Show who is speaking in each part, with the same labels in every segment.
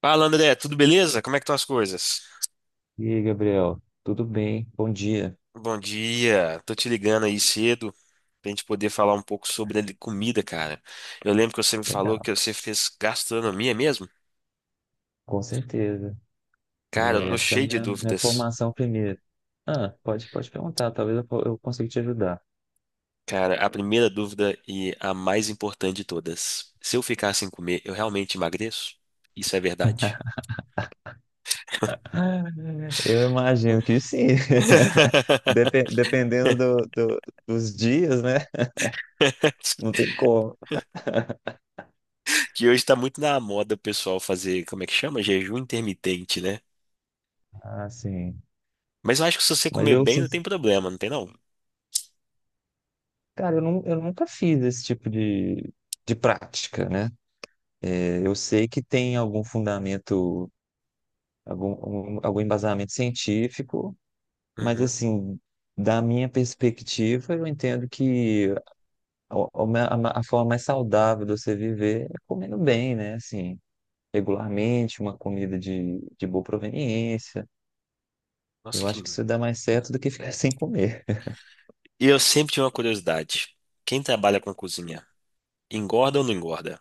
Speaker 1: Fala, André, tudo beleza? Como é que estão as coisas?
Speaker 2: E aí, Gabriel, tudo bem? Bom dia.
Speaker 1: Bom dia, tô te ligando aí cedo pra gente poder falar um pouco sobre a comida, cara. Eu lembro que você me falou
Speaker 2: Legal.
Speaker 1: que você fez gastronomia mesmo?
Speaker 2: Com certeza.
Speaker 1: Cara, eu
Speaker 2: É,
Speaker 1: tô
Speaker 2: Essa é a
Speaker 1: cheio de
Speaker 2: minha
Speaker 1: dúvidas.
Speaker 2: formação primeiro. Ah, pode perguntar, talvez eu consiga te ajudar.
Speaker 1: Cara, a primeira dúvida e a mais importante de todas. Se eu ficar sem comer, eu realmente emagreço? Isso é verdade?
Speaker 2: Eu imagino que sim. Dependendo dos dias, né? Não tem como.
Speaker 1: Que hoje tá muito na moda o pessoal fazer, como é que chama? Jejum intermitente, né?
Speaker 2: Ah, sim.
Speaker 1: Mas eu acho que se você
Speaker 2: Mas
Speaker 1: comer
Speaker 2: eu,
Speaker 1: bem,
Speaker 2: sin-
Speaker 1: não tem problema, não tem não?
Speaker 2: Cara, eu nunca fiz esse tipo de prática, né? Eu sei que tem algum fundamento, algum embasamento científico. Mas
Speaker 1: Uhum.
Speaker 2: assim, da minha perspectiva, eu entendo que a, a forma mais saudável de você viver é comendo bem, né? Assim, regularmente, uma comida de boa proveniência.
Speaker 1: Nossa,
Speaker 2: Eu
Speaker 1: que.
Speaker 2: acho que
Speaker 1: Hum.
Speaker 2: isso dá mais certo do que ficar sem comer.
Speaker 1: E eu sempre tive uma curiosidade. Quem trabalha com cozinha, engorda ou não engorda?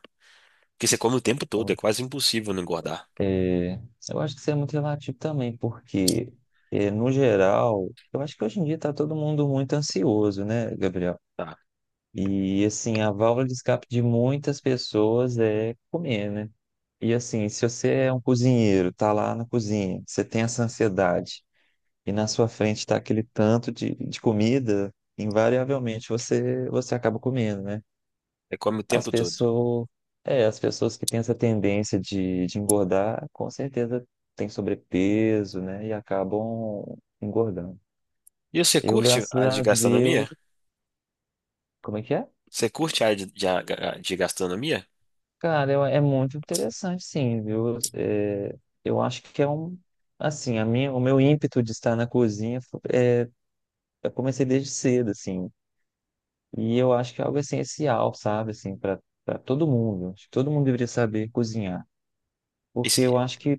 Speaker 1: Porque você come o tempo todo, é
Speaker 2: Então,
Speaker 1: quase impossível não engordar.
Speaker 2: é, eu acho que isso é muito relativo também, porque, no geral, eu acho que hoje em dia está todo mundo muito ansioso, né, Gabriel?
Speaker 1: Tá.
Speaker 2: E assim, a válvula de escape de muitas pessoas é comer, né? E assim, se você é um cozinheiro, tá lá na cozinha, você tem essa ansiedade e na sua frente tá aquele tanto de comida, invariavelmente você acaba comendo, né?
Speaker 1: Você come o
Speaker 2: As
Speaker 1: tempo todo.
Speaker 2: pessoas, as pessoas que têm essa tendência de engordar, com certeza têm sobrepeso, né? E acabam engordando.
Speaker 1: E você
Speaker 2: Eu,
Speaker 1: curte
Speaker 2: graças
Speaker 1: a de
Speaker 2: a Deus,
Speaker 1: gastronomia?
Speaker 2: como é que é?
Speaker 1: Você curte a área de, a- de gastronomia?
Speaker 2: Cara, é muito interessante, sim, viu? Eu acho que é um, assim, a minha, o meu ímpeto de estar na cozinha, eu comecei desde cedo, assim, e eu acho que é algo essencial, sabe, assim, para todo mundo. Acho que todo mundo deveria saber cozinhar, porque eu
Speaker 1: Esse-
Speaker 2: acho que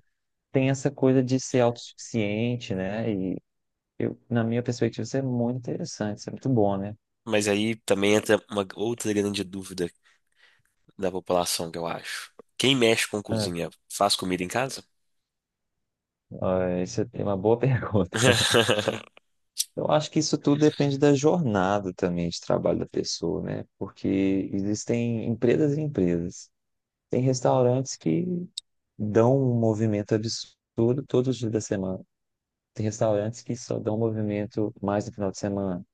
Speaker 2: tem essa coisa de ser autossuficiente, né? E eu, na minha perspectiva, isso é muito interessante, isso é muito bom, né?
Speaker 1: mas aí também entra uma outra grande dúvida da população, que eu acho. Quem mexe com
Speaker 2: Ah,
Speaker 1: cozinha faz comida em casa?
Speaker 2: isso é uma boa pergunta. Eu acho que isso tudo depende da jornada também de trabalho da pessoa, né? Porque existem empresas e empresas. Tem restaurantes que dão um movimento absurdo todos os dias da semana. Tem restaurantes que só dão movimento mais no final de semana.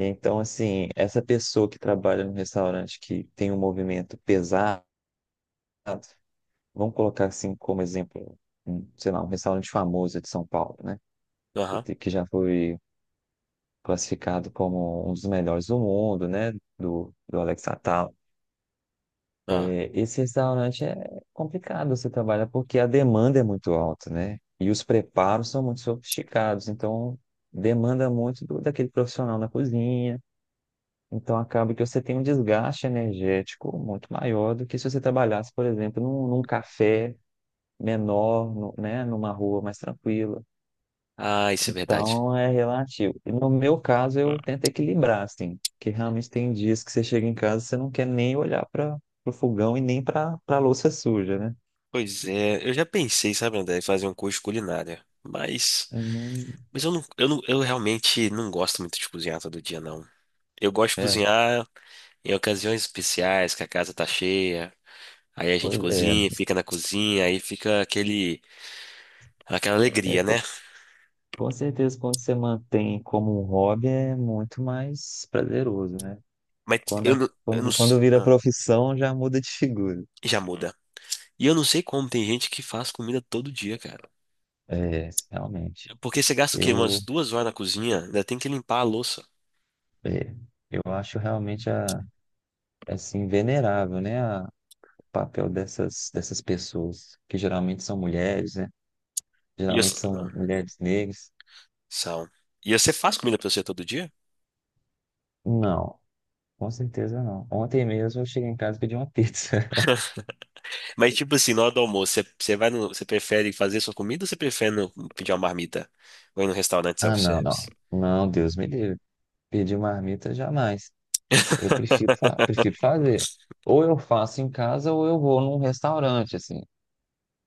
Speaker 2: Então, assim, essa pessoa que trabalha num restaurante que tem um movimento pesado, vamos colocar assim como exemplo, um, sei lá, um restaurante famoso de São Paulo, né?
Speaker 1: Aham.
Speaker 2: Que já foi classificado como um dos melhores do mundo, né? Do Alex Atala.
Speaker 1: Ah,
Speaker 2: É, esse restaurante é complicado você trabalhar porque a demanda é muito alta, né? E os preparos são muito sofisticados, então demanda muito daquele profissional na cozinha. Então acaba que você tem um desgaste energético muito maior do que se você trabalhasse, por exemplo, num café menor, né? Numa rua mais tranquila.
Speaker 1: Ah, isso é verdade.
Speaker 2: Então é relativo. E no meu caso, eu tento equilibrar, assim, porque realmente tem dias que você chega em casa e você não quer nem olhar para o fogão e nem para a louça suja, né?
Speaker 1: Pois é, eu já pensei, sabe, André, em fazer um curso de culinária, mas,
Speaker 2: E
Speaker 1: mas eu não, eu realmente não gosto muito de cozinhar todo dia, não. Eu gosto de
Speaker 2: É,
Speaker 1: cozinhar em ocasiões especiais, que a casa tá cheia, aí a gente
Speaker 2: pois é,
Speaker 1: cozinha, fica na cozinha, aí fica aquele, aquela
Speaker 2: é
Speaker 1: alegria,
Speaker 2: co-
Speaker 1: né?
Speaker 2: Com certeza quando você mantém como um hobby é muito mais prazeroso, né?
Speaker 1: Mas eu não, eu não,
Speaker 2: Quando vira profissão já muda de figura.
Speaker 1: já muda. E eu não sei como tem gente que faz comida todo dia, cara.
Speaker 2: É, realmente.
Speaker 1: Porque você gasta o quê? Umas
Speaker 2: Eu,
Speaker 1: 2 horas na cozinha, ainda tem que limpar a louça.
Speaker 2: é, eu acho realmente assim, venerável, né? Papel dessas, pessoas, que geralmente são mulheres, né?
Speaker 1: E
Speaker 2: Geralmente
Speaker 1: você,
Speaker 2: são mulheres negras.
Speaker 1: sal. E você faz comida pra você todo dia?
Speaker 2: Não, com certeza não. Ontem mesmo eu cheguei em casa e pedi uma pizza.
Speaker 1: Mas, tipo assim, na hora do almoço, você vai no, você prefere fazer sua comida ou você prefere pedir uma marmita? Ou ir no restaurante
Speaker 2: Ah, não,
Speaker 1: self-service?
Speaker 2: não. Não, Deus me livre. Pedir uma marmita jamais. Eu prefiro, fa prefiro fazer. Ou eu faço em casa ou eu vou num restaurante, assim.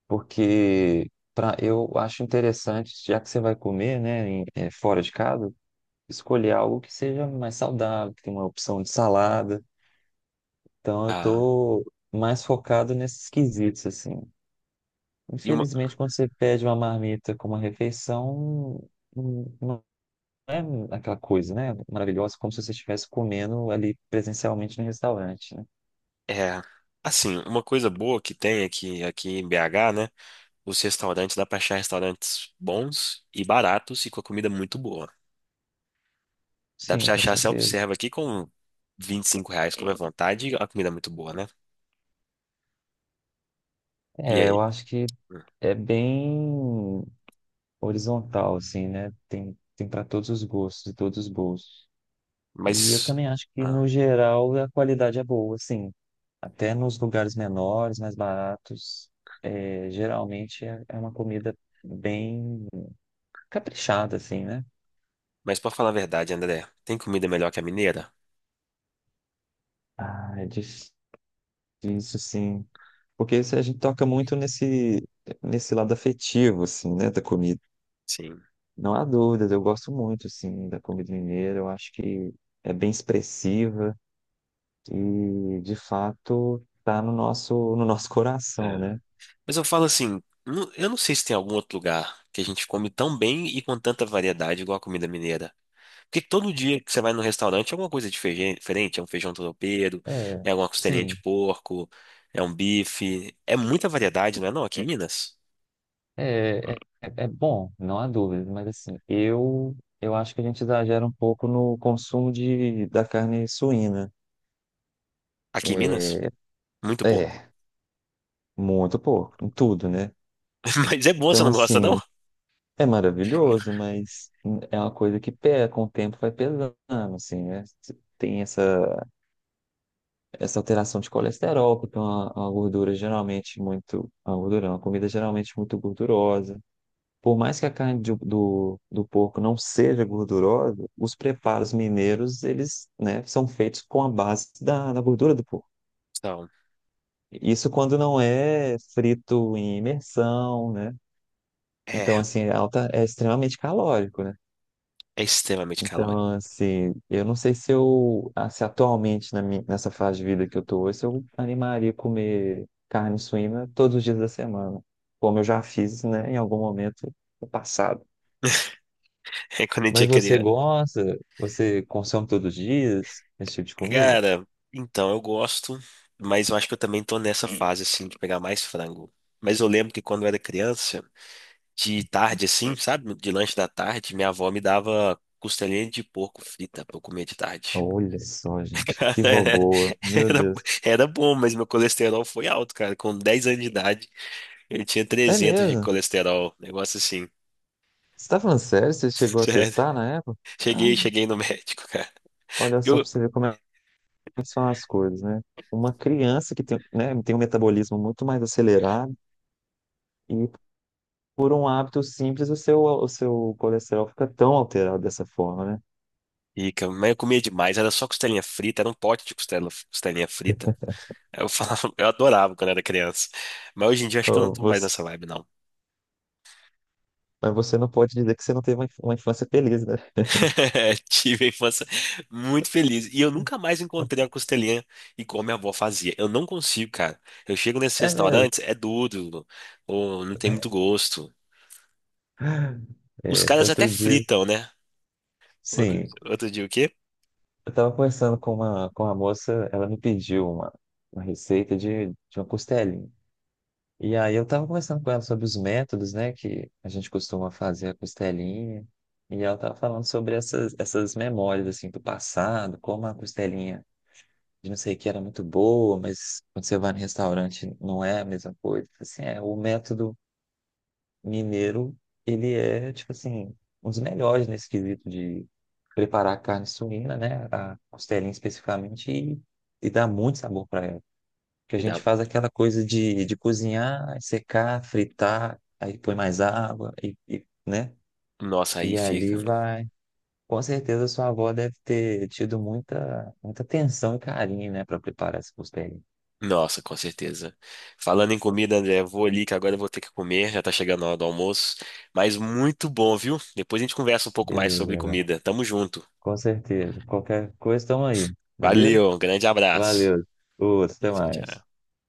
Speaker 2: Porque pra, eu acho interessante, já que você vai comer, né, fora de casa, escolher algo que seja mais saudável, que tenha uma opção de salada. Então eu
Speaker 1: Ah,
Speaker 2: tô mais focado nesses quesitos, assim.
Speaker 1: e uma,
Speaker 2: Infelizmente, quando você pede uma marmita como uma refeição, não é aquela coisa, né? Maravilhosa, como se você estivesse comendo ali presencialmente no restaurante, né?
Speaker 1: é, assim, uma coisa boa que tem aqui, aqui em BH, né? Os restaurantes, dá pra achar restaurantes bons e baratos e com a comida muito boa. Dá pra
Speaker 2: Sim,
Speaker 1: você
Speaker 2: com
Speaker 1: achar
Speaker 2: certeza.
Speaker 1: self-serve aqui com R$ 25, come à vontade, e a comida é muito boa, né? E
Speaker 2: É, eu
Speaker 1: aí?
Speaker 2: acho que
Speaker 1: Hum,
Speaker 2: é bem horizontal, assim, né? Tem para todos os gostos e todos os bolsos. E eu
Speaker 1: Mas,
Speaker 2: também acho que,
Speaker 1: ah,
Speaker 2: no geral, a qualidade é boa, assim. Até nos lugares menores, mais baratos, geralmente é uma comida bem caprichada, assim, né?
Speaker 1: mas pra falar a verdade, André, tem comida melhor que a mineira?
Speaker 2: Ah, é difícil, sim. Porque se a gente toca muito nesse, nesse lado afetivo, assim, né, da comida.
Speaker 1: Sim.
Speaker 2: Não há dúvidas, eu gosto muito, assim, da comida mineira. Eu acho que é bem expressiva e, de fato, tá no nosso, no nosso coração,
Speaker 1: É.
Speaker 2: né?
Speaker 1: Mas eu falo assim, eu não sei se tem algum outro lugar que a gente come tão bem e com tanta variedade igual a comida mineira. Porque todo dia que você vai no restaurante é alguma coisa diferente, é um feijão tropeiro,
Speaker 2: É,
Speaker 1: é alguma costelinha de
Speaker 2: sim.
Speaker 1: porco, é um bife, é muita variedade, não é não? Aqui em Minas.
Speaker 2: É, é, É bom, não há dúvida, mas assim, eu acho que a gente exagera um pouco no consumo da carne suína.
Speaker 1: Aqui em Minas,
Speaker 2: É,
Speaker 1: muito porco.
Speaker 2: é, Muito pouco, em tudo, né?
Speaker 1: Mas é bom, você
Speaker 2: Então,
Speaker 1: não gosta não?
Speaker 2: assim, é maravilhoso, mas é uma coisa que pega, com o tempo vai pesando, assim, né? Você Tem essa, essa alteração de colesterol, porque é uma gordura geralmente muito. Uma gordura, não, uma comida geralmente muito gordurosa. Por mais que a carne do porco não seja gordurosa, os preparos mineiros, eles, né, são feitos com a base da gordura do porco.
Speaker 1: Então,
Speaker 2: Isso quando não é frito em imersão, né?
Speaker 1: é,
Speaker 2: Então, assim, é alta, é extremamente calórico, né?
Speaker 1: é extremamente calórico.
Speaker 2: Então, assim, eu não sei se eu, ah, se atualmente na minha, nessa fase de vida que eu tô hoje, se eu animaria a comer carne suína todos os dias da semana, como eu já fiz, né, em algum momento no passado.
Speaker 1: É quando a gente é
Speaker 2: Mas você
Speaker 1: criança.
Speaker 2: gosta? Você consome todos os dias esse tipo de comida?
Speaker 1: Cara, então eu gosto, mas eu acho que eu também tô nessa fase assim de pegar mais frango. Mas eu lembro que quando eu era criança de tarde, assim, sabe? De lanche da tarde, minha avó me dava costelinha de porco frita pra eu comer de tarde.
Speaker 2: Olha só, gente,
Speaker 1: Cara,
Speaker 2: que boboa. Meu
Speaker 1: era,
Speaker 2: Deus.
Speaker 1: era bom, mas meu colesterol foi alto, cara. Com 10 anos de idade, eu tinha
Speaker 2: É
Speaker 1: 300 de
Speaker 2: mesmo?
Speaker 1: colesterol. Negócio assim.
Speaker 2: Você tá falando sério? Você chegou a
Speaker 1: Sério.
Speaker 2: testar na época? Ah,
Speaker 1: Cheguei no médico, cara.
Speaker 2: olha só
Speaker 1: Eu,
Speaker 2: pra você ver como é que são as coisas, né? Uma criança que tem, né, tem um metabolismo muito mais acelerado e por um hábito simples o seu colesterol fica tão alterado dessa forma, né?
Speaker 1: Fica, mas eu comia demais, era só costelinha frita, era um pote de costela, costelinha frita. Eu falava, eu adorava quando era criança. Mas hoje em dia eu acho que eu não
Speaker 2: Ô,
Speaker 1: tô mais
Speaker 2: você,
Speaker 1: nessa vibe, não.
Speaker 2: mas você não pode dizer que você não teve uma uma infância feliz, né?
Speaker 1: É, tive a infância muito feliz. E eu nunca mais encontrei a costelinha igual minha avó fazia. Eu não consigo, cara. Eu chego nesses
Speaker 2: É mesmo.
Speaker 1: restaurantes, é duro, ou não tem muito gosto. Os
Speaker 2: É,
Speaker 1: caras até
Speaker 2: outro dia.
Speaker 1: fritam, né? Outro,
Speaker 2: Sim,
Speaker 1: outro dia o quê?
Speaker 2: eu estava conversando com uma moça, ela me pediu uma receita de uma costelinha. E aí eu estava conversando com ela sobre os métodos, né, que a gente costuma fazer a costelinha. E ela estava falando sobre essas, essas memórias, assim, do passado, como a costelinha de não sei o que era muito boa, mas quando você vai no restaurante não é a mesma coisa. Assim, é, o método mineiro, ele é, tipo assim, um dos melhores nesse quesito de preparar carne suína, né? A costelinha especificamente, e dá muito sabor para ela. Porque a
Speaker 1: Me
Speaker 2: gente
Speaker 1: dá-
Speaker 2: faz aquela coisa de cozinhar, secar, fritar, aí põe mais água, e, né?
Speaker 1: Nossa, aí
Speaker 2: E
Speaker 1: fica.
Speaker 2: ali vai. Com certeza sua avó deve ter tido muita, muita atenção e carinho, né, para preparar essa costelinha.
Speaker 1: Nossa, com certeza. Falando em comida, André, eu vou ali que agora eu vou ter que comer, já tá chegando a hora do almoço. Mas muito bom, viu? Depois a gente conversa um pouco mais
Speaker 2: Beleza,
Speaker 1: sobre
Speaker 2: Gabriel.
Speaker 1: comida. Tamo junto.
Speaker 2: Com certeza. Qualquer coisa, estamos aí. Beleza?
Speaker 1: Valeu, um grande abraço.
Speaker 2: Valeu. Outro, até
Speaker 1: Tchau,
Speaker 2: mais.
Speaker 1: tchau.